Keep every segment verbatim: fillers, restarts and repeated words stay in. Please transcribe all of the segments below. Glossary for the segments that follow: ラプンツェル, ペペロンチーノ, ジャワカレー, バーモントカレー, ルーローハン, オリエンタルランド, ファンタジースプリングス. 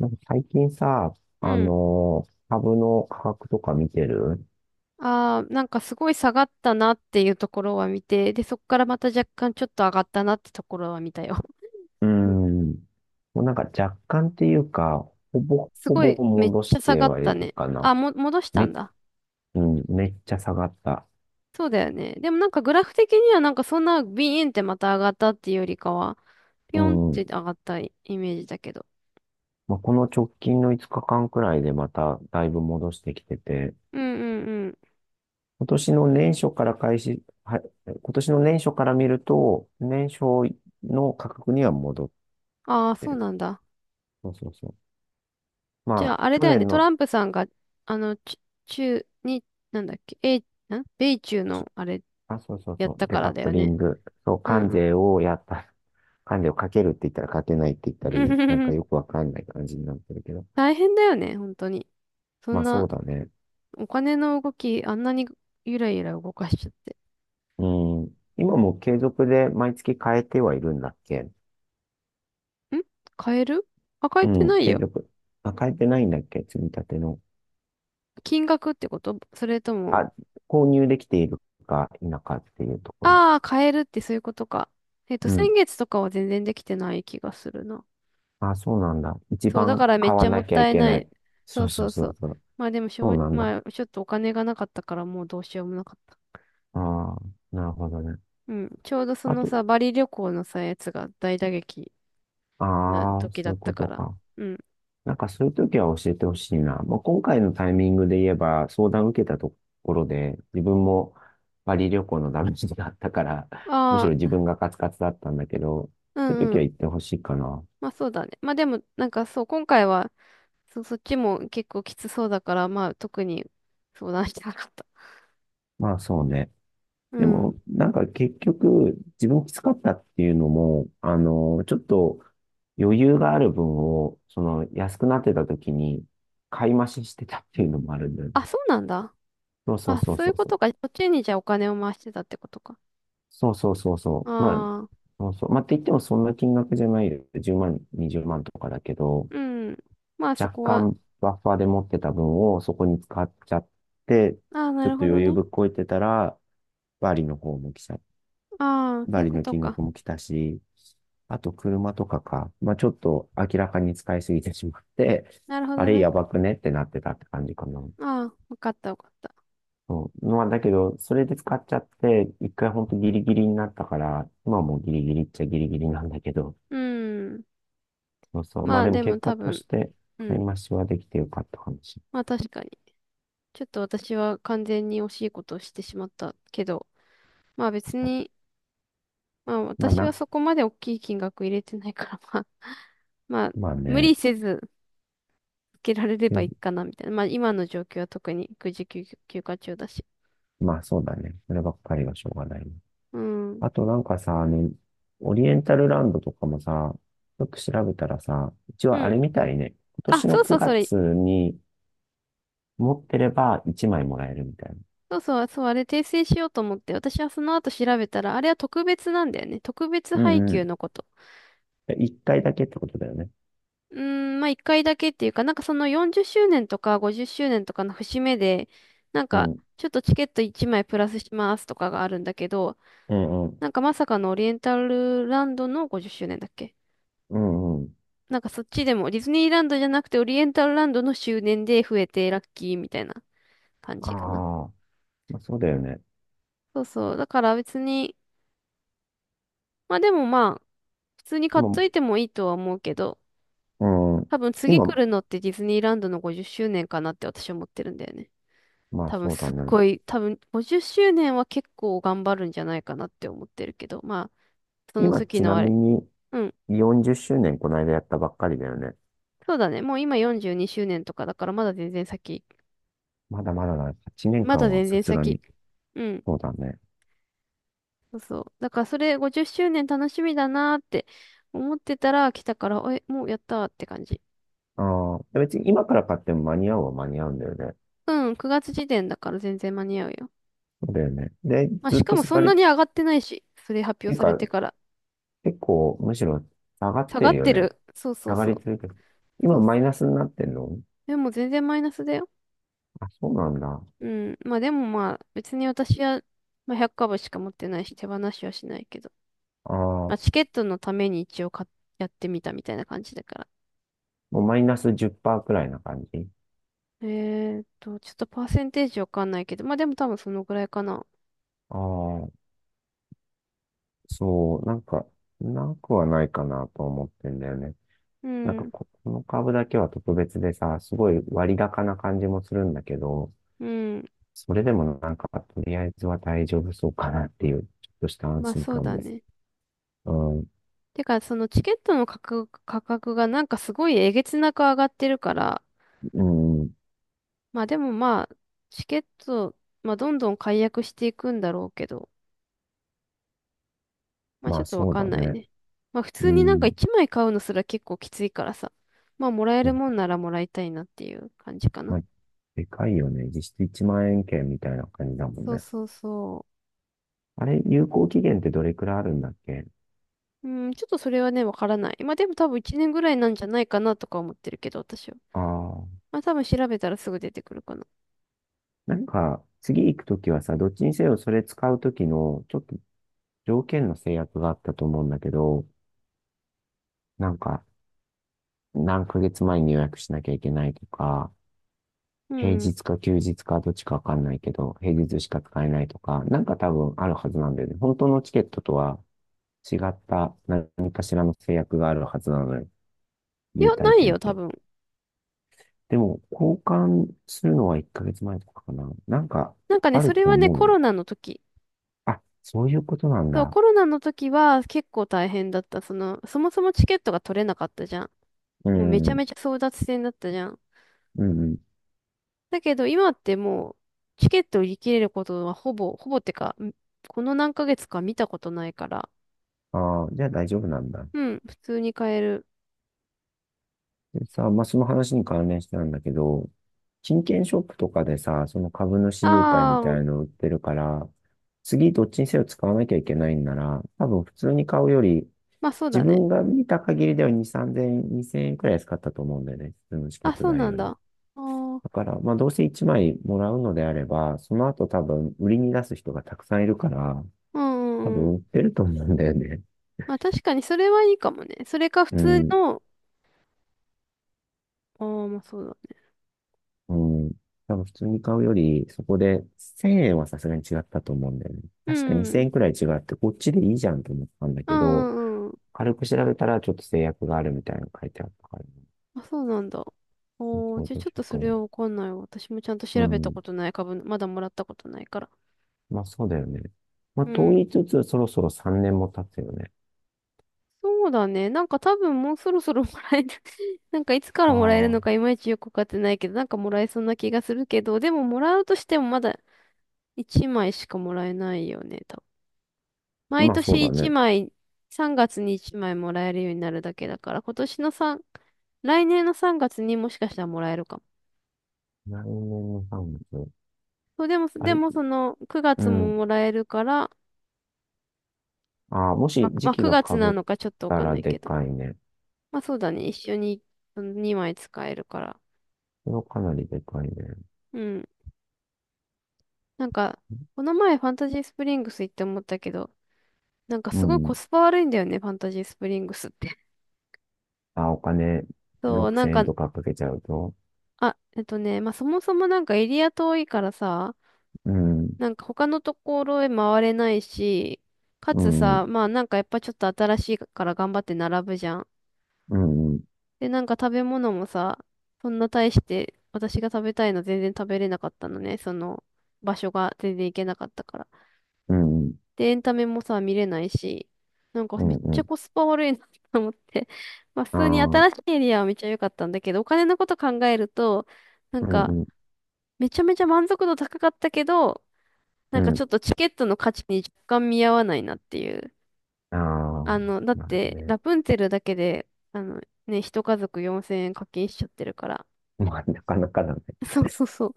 なんか最近さ、うあん。のー株の価格とか見てる？ああ、なんかすごい下がったなっていうところは見て、で、そこからまた若干ちょっと上がったなってところは見たよ。うー ん。もうなんか若干っていうか、ほぼすほごぼい、めっ戻ちしゃ下てがっはいたるね。かな。あ、も、戻しため、んだ。うん、めっちゃ下がった。そうだよね。でもなんかグラフ的にはなんかそんなビーンってまた上がったっていうよりかは、ピうョンってん。上がったイメージだけど。まあ、この直近のいつかかんくらいでまただいぶ戻してきてて、うんうんうん。今年の年初から開始、は、今年の年初から見ると、年初の価格には戻っああ、てそうる。なんだ。そうそうそう。じまゃあ、あ、あれ去だよね。年トラの、ンプさんが、あの、ち中に、なんだっけ、え、ん米中のあれあ、そうそうやっそう。たデかカッらだプよリね。ング。そう、う関税んをやった。関税をかけるって言ったらかけないって言ったうり、なんかん。よ くわかんない感じになってるけど。大変だよね、本当に。そまんあそうな、だね。お金の動き、あんなにゆらゆら動かしちゃって。うん。今も継続で毎月変えてはいるんだっけ？ん変えるあ、変うえてなん、い継よ。続。あ、変えてないんだっけ、積み立ての？金額ってことそれとも、あ、購入できているか否かっていうところ。ああ、変えるってそういうことか。えっと、う先ん。月とかは全然できてない気がするな。あ、そうなんだ。一そう、だ番からめっ買ちわゃもっなきゃたいいけなない。い。そそううそそううそそうう。そう。まあでもしそょうう、なんだ。まあちょっとお金がなかったからもうどうしようもなかった。ああ、なるほどね。うん。ちょうどそあのと、さ、バリ旅行のさ、やつが大打撃なああ、時そだうっいうこたかとら。か。うん。なんかそういう時は教えてほしいな。まあ、今回のタイミングで言えば、相談受けたところで、自分もパリ旅行のダメージがあったから、むしろ自あ分がカツカツだったんだけど、あ、そういうう時はん、言ってほしいかな。まあそうだね。まあでも、なんかそう、今回は、そ、そっちも結構きつそうだから、まあ特に相談してなかった。まあそうね。うでん。も、なんか結局、自分きつかったっていうのも、あの、ちょっと余裕がある分を、その安くなってた時に買い増ししてたっていうのもあるんだよね。あ、そうなんだ。そうそうあ、そうそういそううこそとか。う。そっちにじゃあお金を回してたってことか。そうそうそうあそう。まあ、あ、そうそう。まあ、って言ってもそんな金額じゃないよ。じゅうまん、にじゅうまんとかだけど、うん。まあそ若こは、干バッファーで持ってた分をそこに使っちゃって、ああ、なちょっるとほど余裕ね。ぶっこいてたら、バリの方も来ちゃ、ああ、そういバうリこのと金か。額も来たし、あと車とかか。まあ、ちょっと明らかに使いすぎてしまって、なるほあどれね。やばくねってなってたって感じかな。ああ、わかったわかった。そう。まあ、だけど、それで使っちゃって、一回ほんとギリギリになったから、今はもうギリギリっちゃギリギリなんだけど、うん。そうそう。ままあ、あでもでも結多果と分、して、う買ん。い増しはできてよかったかもしれまあ確かに。ちょっと私は完全に惜しいことをしてしまったけど、まあ別ない。に、まあまあ私はな、そこまで大きい金額入れてないから、まあ、まあまあ無理ね、せずつけられれうばいん、いかなみたいな。まあ今の状況は特に育児休休暇中だし。まあそうだね。そればっかりはしょうがないね。うん。あとなんかさ、あの、オリエンタルランドとかもさ、よく調べたらさ、一う応あれん。みたいね。今あ、年のそうそう、9それ。月に持ってればいちまいもらえるみたいな。そうそう、そう、あれ訂正しようと思って、私はその後調べたら、あれは特別なんだよね。特別う配んう給ん。のこと。いっかいだけってことだよね。うーん、まあ一回だけっていうか、なんかそのよんじゅっしゅうねんとかごじゅっしゅうねんとかの節目で、なんうかんちょっとチケットいちまいプラスしますとかがあるんだけど、うん。うなんんかまさかのオリエンタルランドのごじゅっしゅうねんだっけ。うんうん。なんかそっちでも、ディズニーランドじゃなくてオリエンタルランドの周年で増えてラッキーみたいな感ああ、じかな。まあ、そうだよね。そうそう。だから別に、まあでもまあ、普通に買っもといてもいいとは思うけど、う、うん、多分次来今、るのってディズニーランドのごじゅっしゅうねんかなって私は思ってるんだよね。まあ多分そうだすっね。ごい、多分ごじゅっしゅうねんは結構頑張るんじゃないかなって思ってるけど、まあ、その今、時ちなのあみれ。にうん。よんじゅっしゅうねんこの間やったばっかりだよね。そうだね。もう今よんじゅうにしゅうねんとかだからまだ全然先。まだまだだね。8年まだ間は全さ然すが先。に。うん。そうだね。そうそう。だからそれごじゅっしゅうねん楽しみだなーって思ってたら来たから、え、もうやったーって感じ。ああ、別に今から買っても間に合うは間に合うんだよね。うん、くがつ時点だから全然間に合うよ。そうだよね。で、まあ、ずっしかとも下そがんり、っなに上がってないし、それ発てい表うされか、てから。結構、むしろ下がっ下てがるっよてね。る。そうそう下がそりう。続けてる。今そう。マイナスになってんの？でも全然マイナスだよ。あ、そうなんだ。あうん。まあでもまあ、別に私は、まあ、ひゃく株しか持ってないし、手放しはしないけど。あ、まあ、もチケットのために一応買っやってみたみたいな感じだから。うマイナスじゅっパーセントくらいな感じ。えーっと、ちょっとパーセンテージわかんないけど、まあでも多分そのぐらいかな。ああ。そう、なんか、なくはないかなと思ってんだよね。うなんかん、こ、この株だけは特別でさ、すごい割高な感じもするんだけど、うん。それでもなんか、とりあえずは大丈夫そうかなっていう、ちょっとした安まあ心そう感だも。ね。うん、てか、そのチケットの価格、価格がなんかすごいえげつなく上がってるから、うん、まあでもまあ、チケット、まあどんどん解約していくんだろうけど、まあまちょあっとわそうかだんないね。ね。まあ普通うになんかん、いちまい買うのすら結構きついからさ、まあもらえまるもんならもらいたいなっていう感じかな。まあ、でかいよね。実質いちまん円券みたいな感じだもんそうね。そうそう。あれ、有効期限ってどれくらいあるんだっけ？うん、ちょっとそれはね、わからない。まあでも多分いちねんぐらいなんじゃないかなとか思ってるけど、私は。ああ、まあ多分調べたらすぐ出てくるかな。なんか、次行くときはさ、どっちにせよそれ使うときの、ちょっと条件の制約があったと思うんだけど、なんか、何ヶ月前に予約しなきゃいけないとか、う平ん。日か休日かどっちかわかんないけど、平日しか使えないとか、なんか多分あるはずなんだよね。本当のチケットとは違った何かしらの制約があるはずなのよ。い優や、待ない券っよ、多て。分。でも、交換するのはいっかげつまえとかかな。なんか、なんかね、あそるれとはね、思うコよ。ロナの時。あ、そういうことなんそう、だ。コロナの時は結構大変だった。その、そもそもチケットが取れなかったじゃん。うもうめちん、うゃん、めちゃ争奪戦だったじゃん。うん。だけど今ってもう、チケット売り切れることはほぼ、ほぼってか、んこの何ヶ月か見たことないから。ああ、じゃあ大丈夫なんだ。うん、普通に買える。でさ、まあ、その話に関連してなんだけど、金券ショップとかでさ、その株主優待あみたあ、いの売ってるから、次どっちにせよ使わなきゃいけないんなら、多分普通に買うより、まあそう自だね。分が見た限りではに、さんぜんえん、に ぜろえんくらい使ったと思うんだよね。普通のチケッあ、トそう代なんよだ。り。あーだから、まあどうせいちまいもらうのであれば、その後多分売りに出す人がたくさんいるから、うんう多んう分ん。売ってると思うんだよね。まあ確かにそれはいいかもね。それか普う通ん。の、ああ、まあそうだね。うん。多分普通に買うより、そこでせんえんはさすがに違ったと思うんだよね。う確か2000ん。円くらい違って、こっちでいいじゃんと思ったんだうけど、んうんうん。軽く調べたらちょっと制約があるみたいなの書いてあったから、あ、そうなんだ。おー、そうじゃあどうちしょっとようそかな。れはわかんないわ。私もちゃんとう調べたん。ことない株、まだもらったことないから。まあそうだよね。まあうとん。言いつつ、そろそろさんねんも経つよね。そうだね。なんか多分もうそろそろもらえる。 なんかいつからもらえるあのかいまいちよくわかってないけど、なんかもらえそうな気がするけど、でももらうとしてもまだいちまいしかもらえないよね。あ、毎まあそう年だ1ね。枚、さんがつにいちまいもらえるようになるだけだから、今年の3、来年のさんがつにもしかしたらもらえるかも。来年のさんがつ。そう、でも、あでれ、もその9う月もん。もらえるから、ああ、もま、し時まあ、期が被くがつなっのかちょっとわたかんらないでけど。かいね。まあそうだね、一緒ににまい使えるから。それはかなりでかいね。うん。なんか、この前ファンタジースプリングス行って思ったけど、なんかうすごいん。コスパ悪いんだよね、ファンタジースプリングスって。あ、お金 そう、なんろくせんえんか、とかかけちゃうと。あ、えっとね、まあそもそもなんかエリア遠いからさ、うん、なんか他のところへ回れないし、かうつん、うん、さ、まあなんかやっぱちょっと新しいから頑張って並ぶじゃん。うん、で、なんか食べ物もさ、そんな大して私が食べたいの全然食べれなかったのね。その場所が全然行けなかったから。うん、で、エンタメもさ、見れないし、なんかうめっちゃん、コスパ悪いな と思って。まあ普あ通にあー、新しいエリアはめっちゃ良かったんだけど、お金のこと考えると、なんうん、かうん、めちゃめちゃ満足度高かったけど、なうんかちょん、っとチケットの価値に若干見合わないなっていう。ああ、あの、だっまあて、ね。ラプンツェルだけで、あの、ね、一家族よんせんえん課金しちゃってるから。まあ、なかなかだね。そうそうそう。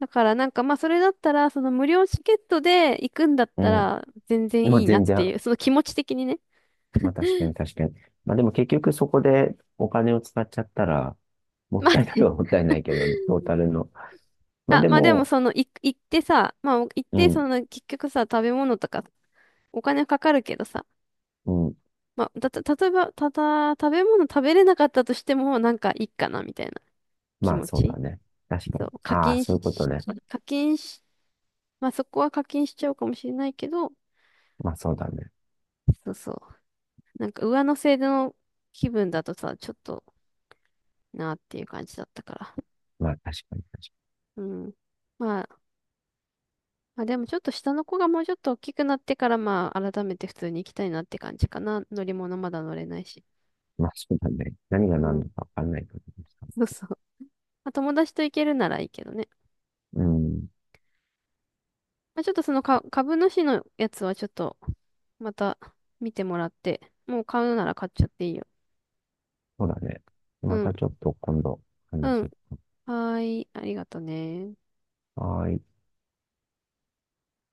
だからなんかまあそれだったら、その無料チケットで行くんだっうたん。ら全然まいあ、いなっ全て然。いう、その気持ち的にね。まあ、確かに確かに。まあ、でも結局そこでお金を使っちゃったら、もっまあたいないね。はもったいないけどね、トータルの。まあ、あ、でまあでもも、その、い行ってさ、まあ行っうてそん、の結局さ、食べ物とかお金かかるけどさ、うん。まあ、だ、た、例えば、ただ、食べ物食べれなかったとしても、なんかいいかなみたいな気まあ、持そうだち。ね。確かそに。う、課ああ、金そういうことし、ね。課金し、まあそこは課金しちゃうかもしれないけど、まあ、そうだね。そうそう。なんか上乗せの気分だとさ、ちょっとなっていう感じだったから。まあ、確かに。うん。まあ、まあでもちょっと下の子がもうちょっと大きくなってから、まあ改めて普通に行きたいなって感じかな。乗り物まだ乗れないし。まあ、そうだね。何がう何だん。かわかんない感じでした。そうそう。まあ友達と行けるならいいけどね。うん。まあちょっとそのか株主のやつはちょっとまた見てもらって、もう買うなら買っちゃっていいよ。そうだね。うまん。たちょっと今度話うん。そはーい、ありがとね。う。はーい。